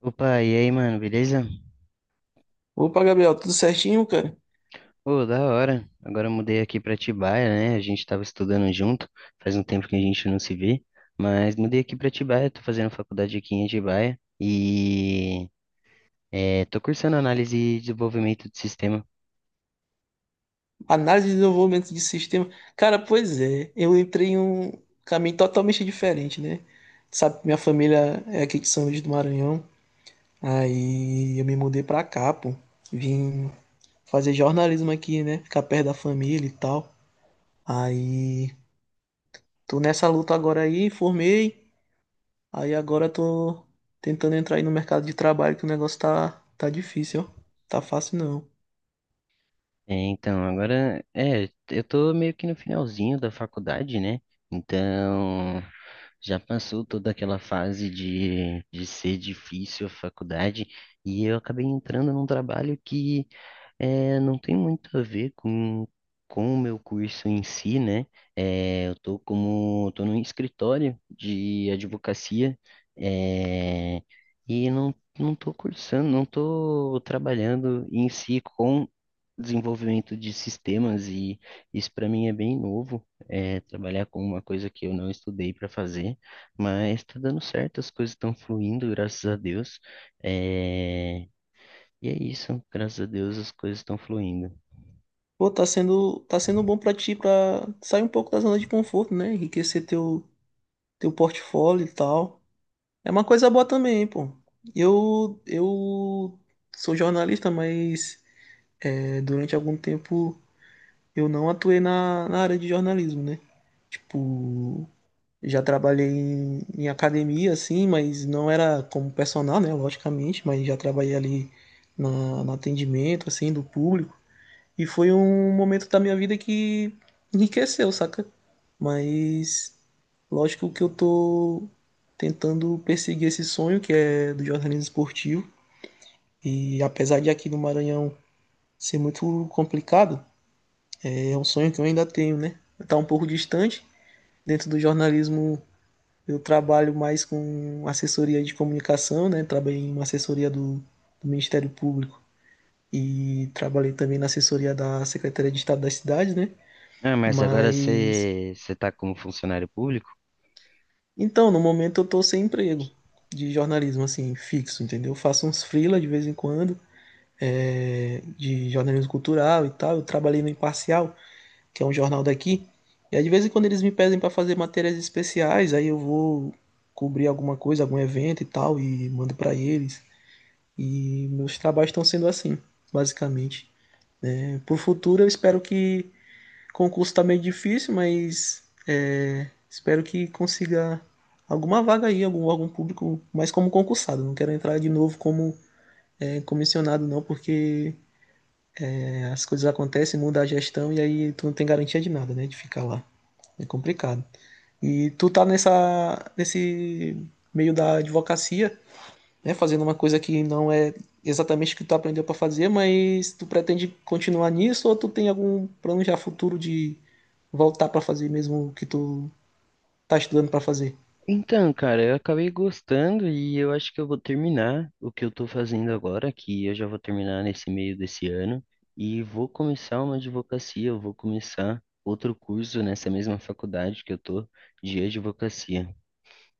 Opa, e aí, mano, beleza? Opa, Gabriel, tudo certinho, cara? Pô, da hora. Agora eu mudei aqui pra Atibaia, né? A gente tava estudando junto, faz um tempo que a gente não se vê, mas mudei aqui pra Atibaia, tô fazendo faculdade aqui em Atibaia e tô cursando análise e desenvolvimento de sistemas. Análise de desenvolvimento de sistema. Cara, pois é, eu entrei em um caminho totalmente diferente, né? Sabe, minha família é aqui de São Luís do Maranhão. Aí eu me mudei pra cá, pô. Vim fazer jornalismo aqui, né? Ficar perto da família e tal. Aí tô nessa luta agora aí, formei. Aí agora tô tentando entrar aí no mercado de trabalho, que o negócio tá difícil, ó. Tá fácil não. Então, agora, eu tô meio que no finalzinho da faculdade, né? Então, já passou toda aquela fase de ser difícil a faculdade e eu acabei entrando num trabalho que não tem muito a ver com o meu curso em si, né? Eu tô como, tô num escritório de advocacia, é, e não, não tô cursando, não tô trabalhando em si com desenvolvimento de sistemas e isso para mim é bem novo, é trabalhar com uma coisa que eu não estudei para fazer, mas está dando certo, as coisas estão fluindo, graças a Deus. É, E é isso, graças a Deus as coisas estão fluindo. Pô, tá sendo bom pra ti, pra sair um pouco da zona de conforto, né? Enriquecer teu portfólio e tal. É uma coisa boa também, pô. Eu sou jornalista, mas durante algum tempo eu não atuei na área de jornalismo, né? Tipo, já trabalhei em academia, assim, mas não era como personal, né? Logicamente, mas já trabalhei ali no atendimento, assim, do público. E foi um momento da minha vida que enriqueceu, saca? Mas lógico que eu tô tentando perseguir esse sonho que é do jornalismo esportivo. E apesar de aqui no Maranhão ser muito complicado, é um sonho que eu ainda tenho, né? Tá um pouco distante. Dentro do jornalismo eu trabalho mais com assessoria de comunicação, né? Trabalhei em uma assessoria do Ministério Público e trabalhei também na assessoria da Secretaria de Estado das Cidades, né? Ah, mas agora Mas você está como funcionário público? então, no momento eu tô sem emprego de jornalismo assim fixo, entendeu? Eu faço uns freela de vez em quando, de jornalismo cultural e tal. Eu trabalhei no Imparcial, que é um jornal daqui, e aí de vez em quando eles me pedem para fazer matérias especiais, aí eu vou cobrir alguma coisa, algum evento e tal e mando para eles. E meus trabalhos estão sendo assim, basicamente. Pro futuro eu espero que concurso tá meio difícil, mas espero que consiga alguma vaga aí, algum órgão público, mas como concursado. Não quero entrar de novo como comissionado, não, porque as coisas acontecem, muda a gestão e aí tu não tem garantia de nada, né? De ficar lá. É complicado. E tu tá nesse meio da advocacia, né, fazendo uma coisa que não é exatamente o que tu aprendeu para fazer, mas tu pretende continuar nisso ou tu tem algum plano já futuro de voltar para fazer mesmo o que tu tá estudando para fazer? Então, cara, eu acabei gostando e eu acho que eu vou terminar o que eu tô fazendo agora, que eu já vou terminar nesse meio desse ano, e vou começar uma advocacia, eu vou começar outro curso nessa mesma faculdade que eu tô de advocacia.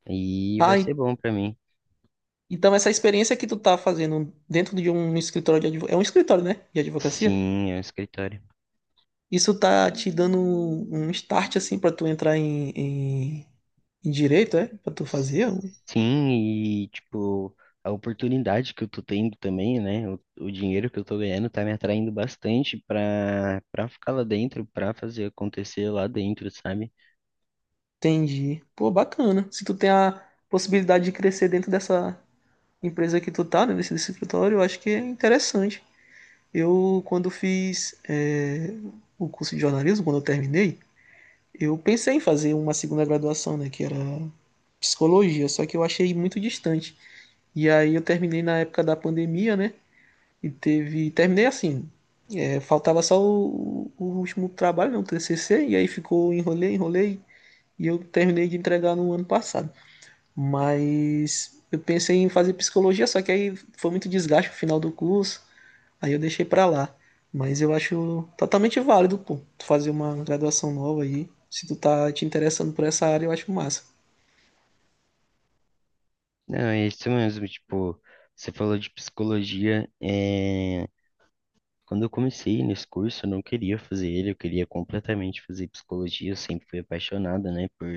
E vai Ah, e- ser bom pra mim. então essa experiência que tu tá fazendo dentro de um escritório de advocacia, é um escritório, né, de advocacia? Sim, é um escritório. Isso tá te dando um start assim para tu entrar em direito, é? Para tu fazer? Sim, e tipo, a oportunidade que eu tô tendo também, né? O dinheiro que eu tô ganhando tá me atraindo bastante pra ficar lá dentro, pra fazer acontecer lá dentro, sabe? Entendi. Pô, bacana. Se tu tem a possibilidade de crescer dentro dessa empresa que tu tá, né, nesse escritório, eu acho que é interessante. Eu, quando fiz o curso de jornalismo, quando eu terminei, eu pensei em fazer uma segunda graduação, né, que era psicologia, só que eu achei muito distante. E aí eu terminei na época da pandemia, né, e teve. Terminei assim, faltava só o último trabalho, né, o TCC, e aí ficou, enrolei, e eu terminei de entregar no ano passado. Mas eu pensei em fazer psicologia, só que aí foi muito desgaste no final do curso, aí eu deixei pra lá. Mas eu acho totalmente válido, pô, tu fazer uma graduação nova aí. Se tu tá te interessando por essa área, eu acho massa. Não, é isso mesmo, tipo, você falou de psicologia, é... Quando eu comecei nesse curso, eu não queria fazer ele, eu queria completamente fazer psicologia, eu sempre fui apaixonada, né, por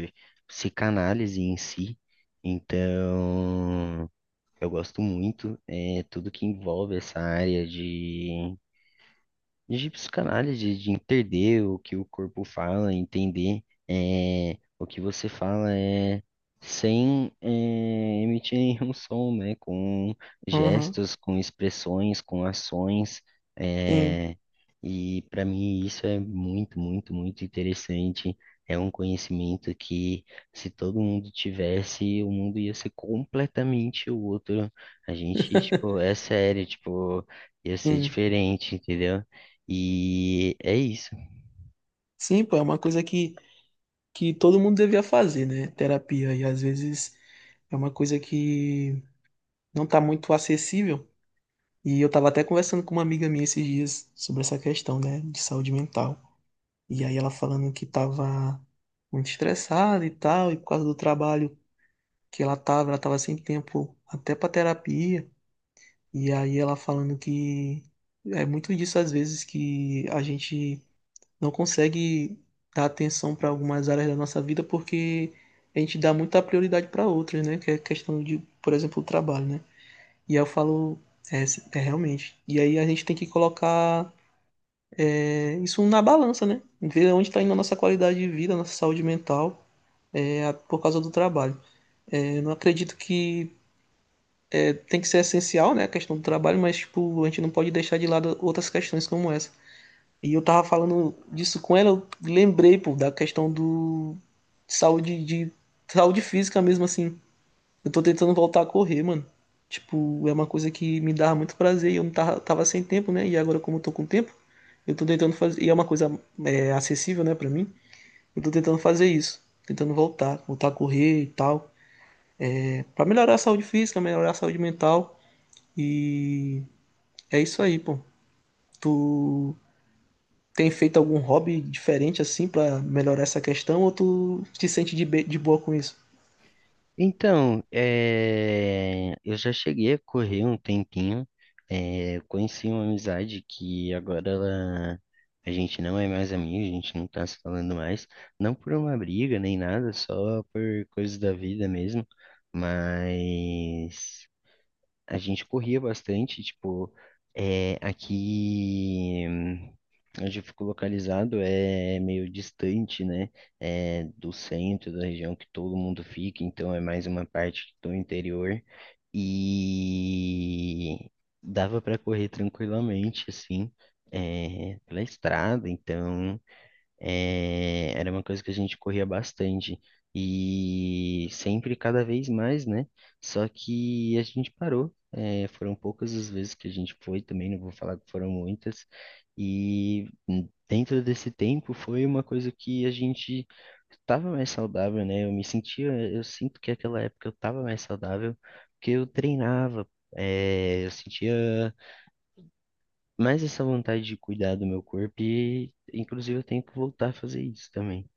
psicanálise em si. Então, eu gosto muito, tudo que envolve essa área de psicanálise, de entender o que o corpo fala, entender o que você fala é, sem é, emitir nenhum som, né? Com Aham. gestos, com expressões, com ações. Sim, é, e para mim isso é muito, muito, muito interessante. É um conhecimento que, se todo mundo tivesse, o mundo ia ser completamente outro. A gente, tipo, é sério, tipo, ia ser sim. diferente, entendeu? E é isso. Sim, pô, é uma coisa que todo mundo devia fazer, né? Terapia. E às vezes é uma coisa que não tá muito acessível. E eu tava até conversando com uma amiga minha esses dias sobre essa questão, né, de saúde mental. E aí ela falando que tava muito estressada e tal, e por causa do trabalho que ela tava sem tempo até pra terapia. E aí ela falando que é muito disso às vezes que a gente não consegue dar atenção para algumas áreas da nossa vida porque a gente dá muita prioridade para outras, né? Que é questão de, por exemplo, o trabalho, né? E aí eu falo, é realmente. E aí a gente tem que colocar isso na balança, né? Ver onde está indo a nossa qualidade de vida, a nossa saúde mental. Por causa do trabalho. Eu não acredito que tem que ser essencial, né, a questão do trabalho, mas tipo, a gente não pode deixar de lado outras questões como essa. E eu tava falando disso com ela, eu lembrei, pô, da questão do saúde de saúde física mesmo assim. Eu tô tentando voltar a correr, mano. Tipo, é uma coisa que me dava muito prazer e eu não tava sem tempo, né? E agora como eu tô com tempo, eu tô tentando fazer, e é uma coisa acessível, né, pra mim. Eu tô tentando fazer isso, tentando voltar a correr e tal, para melhorar a saúde física, melhorar a saúde mental. E é isso aí, pô. Tu tem feito algum hobby diferente assim para melhorar essa questão ou tu te sente de boa com isso? Então, eu já cheguei a correr um tempinho, conheci uma amizade que a gente não é mais amigo, a gente não tá se falando mais, não por uma briga nem nada, só por coisas da vida mesmo, mas a gente corria bastante, tipo, aqui onde eu fico localizado é meio distante, né, do centro da região que todo mundo fica, então é mais uma parte do interior e dava para correr tranquilamente, assim, pela estrada, então era uma coisa que a gente corria bastante. E sempre, cada vez mais, né? Só que a gente parou. É, foram poucas as vezes que a gente foi também, não vou falar que foram muitas. E dentro desse tempo foi uma coisa que a gente estava mais saudável, né? Eu me sentia, eu sinto que aquela época eu estava mais saudável, porque eu treinava. Eu sentia mais essa vontade de cuidar do meu corpo e, inclusive, eu tenho que voltar a fazer isso também.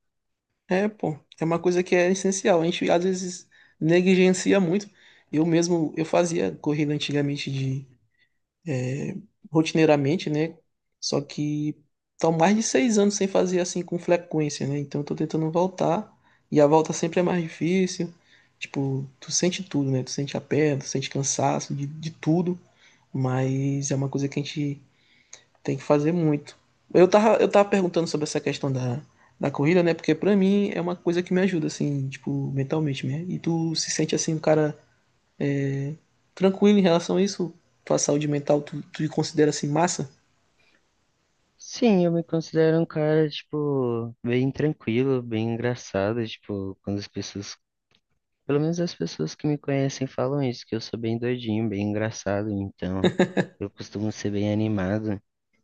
É, pô, é uma coisa que é essencial. A gente às vezes negligencia muito. Eu mesmo, eu fazia corrida antigamente de rotineiramente, né? Só que tô mais de seis anos sem fazer assim com frequência, né? Então eu tô tentando voltar e a volta sempre é mais difícil. Tipo, tu sente tudo, né? Tu sente a perna, tu sente cansaço de tudo, mas é uma coisa que a gente tem que fazer muito. Eu tava perguntando sobre essa questão da corrida, né? Porque pra mim é uma coisa que me ajuda, assim, tipo, mentalmente, né? E tu se sente assim, um cara tranquilo em relação a isso? Tua saúde mental, tu considera assim massa? Sim, eu me considero um cara, tipo, bem tranquilo, bem engraçado, tipo, quando as pessoas, pelo menos as pessoas que me conhecem falam isso, que eu sou bem doidinho, bem engraçado, então eu costumo ser bem animado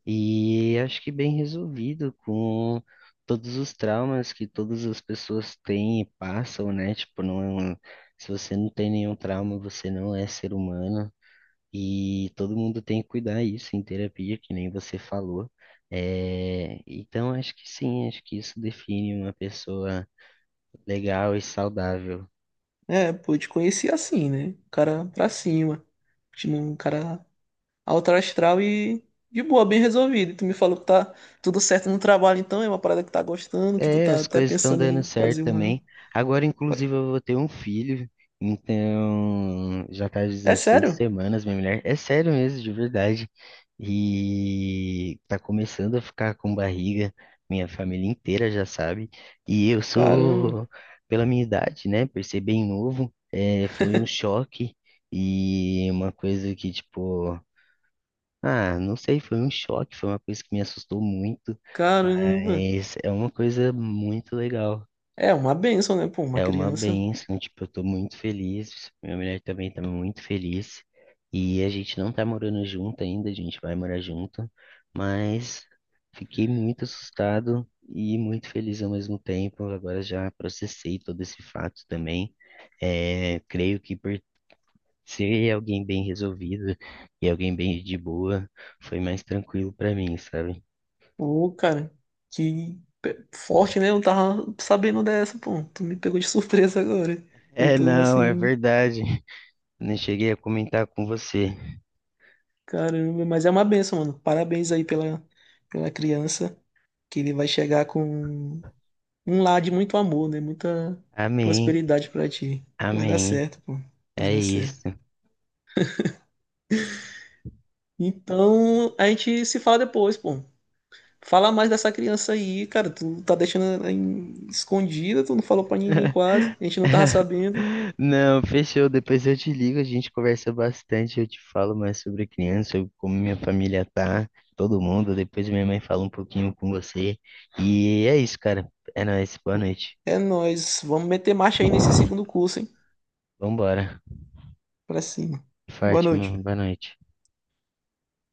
e acho que bem resolvido com todos os traumas que todas as pessoas têm e passam, né? Tipo, não, se você não tem nenhum trauma, você não é ser humano. E todo mundo tem que cuidar isso em terapia, que nem você falou. É, então, acho que sim, acho que isso define uma pessoa legal e saudável. É, pô, te conheci assim, né? O cara pra cima. Tipo, um cara alto astral e de boa, bem resolvido. E tu me falou que tá tudo certo no trabalho, então é uma parada que tá gostando, que tu É, tá as até coisas estão pensando dando em certo fazer uma. também. Agora, inclusive, eu vou ter um filho, então já tá É 16 sério? semanas, minha mulher. É sério mesmo, de verdade. E tá começando a ficar com barriga, minha família inteira já sabe. E eu Caramba, sou, pela minha idade, né, por ser bem novo, foi um choque e uma coisa que, tipo. Ah, não sei, foi um choque, foi uma coisa que me assustou muito, caramba. mas é uma coisa muito legal. É uma benção, né? Pô, uma É uma criança. bênção, tipo, eu tô muito feliz, minha mulher também tá muito feliz, e a gente não tá morando junto ainda, a gente vai morar junto, mas fiquei muito assustado e muito feliz ao mesmo tempo. Agora já processei todo esse fato também. É, creio que por se é alguém bem resolvido e alguém bem de boa, foi mais tranquilo pra mim, sabe? Pô, cara, forte, né? Eu tava sabendo dessa, pô. Tu me pegou de surpresa agora. Eu É, tô não, é assim, verdade. Não cheguei a comentar com você. caramba. Mas é uma benção, mano. Parabéns aí pela criança, que ele vai chegar com um lar de muito amor, né? Muita Amém, prosperidade pra ti. Vai dar amém. certo, pô. Vai É dar isso. certo. Então, a gente se fala depois, pô. Fala mais dessa criança aí, cara. Tu tá deixando ela escondida, tu não falou pra ninguém quase. A gente não tava sabendo. Não, fechou. Depois eu te ligo, a gente conversa bastante. Eu te falo mais sobre a criança, sobre como minha família tá, todo mundo. Depois minha mãe fala um pouquinho com você. E é isso, cara. É nóis. Boa noite. É nóis. Vamos meter marcha aí nesse segundo curso, hein? Vambora. Pra cima. Boa noite. Fátima, boa noite.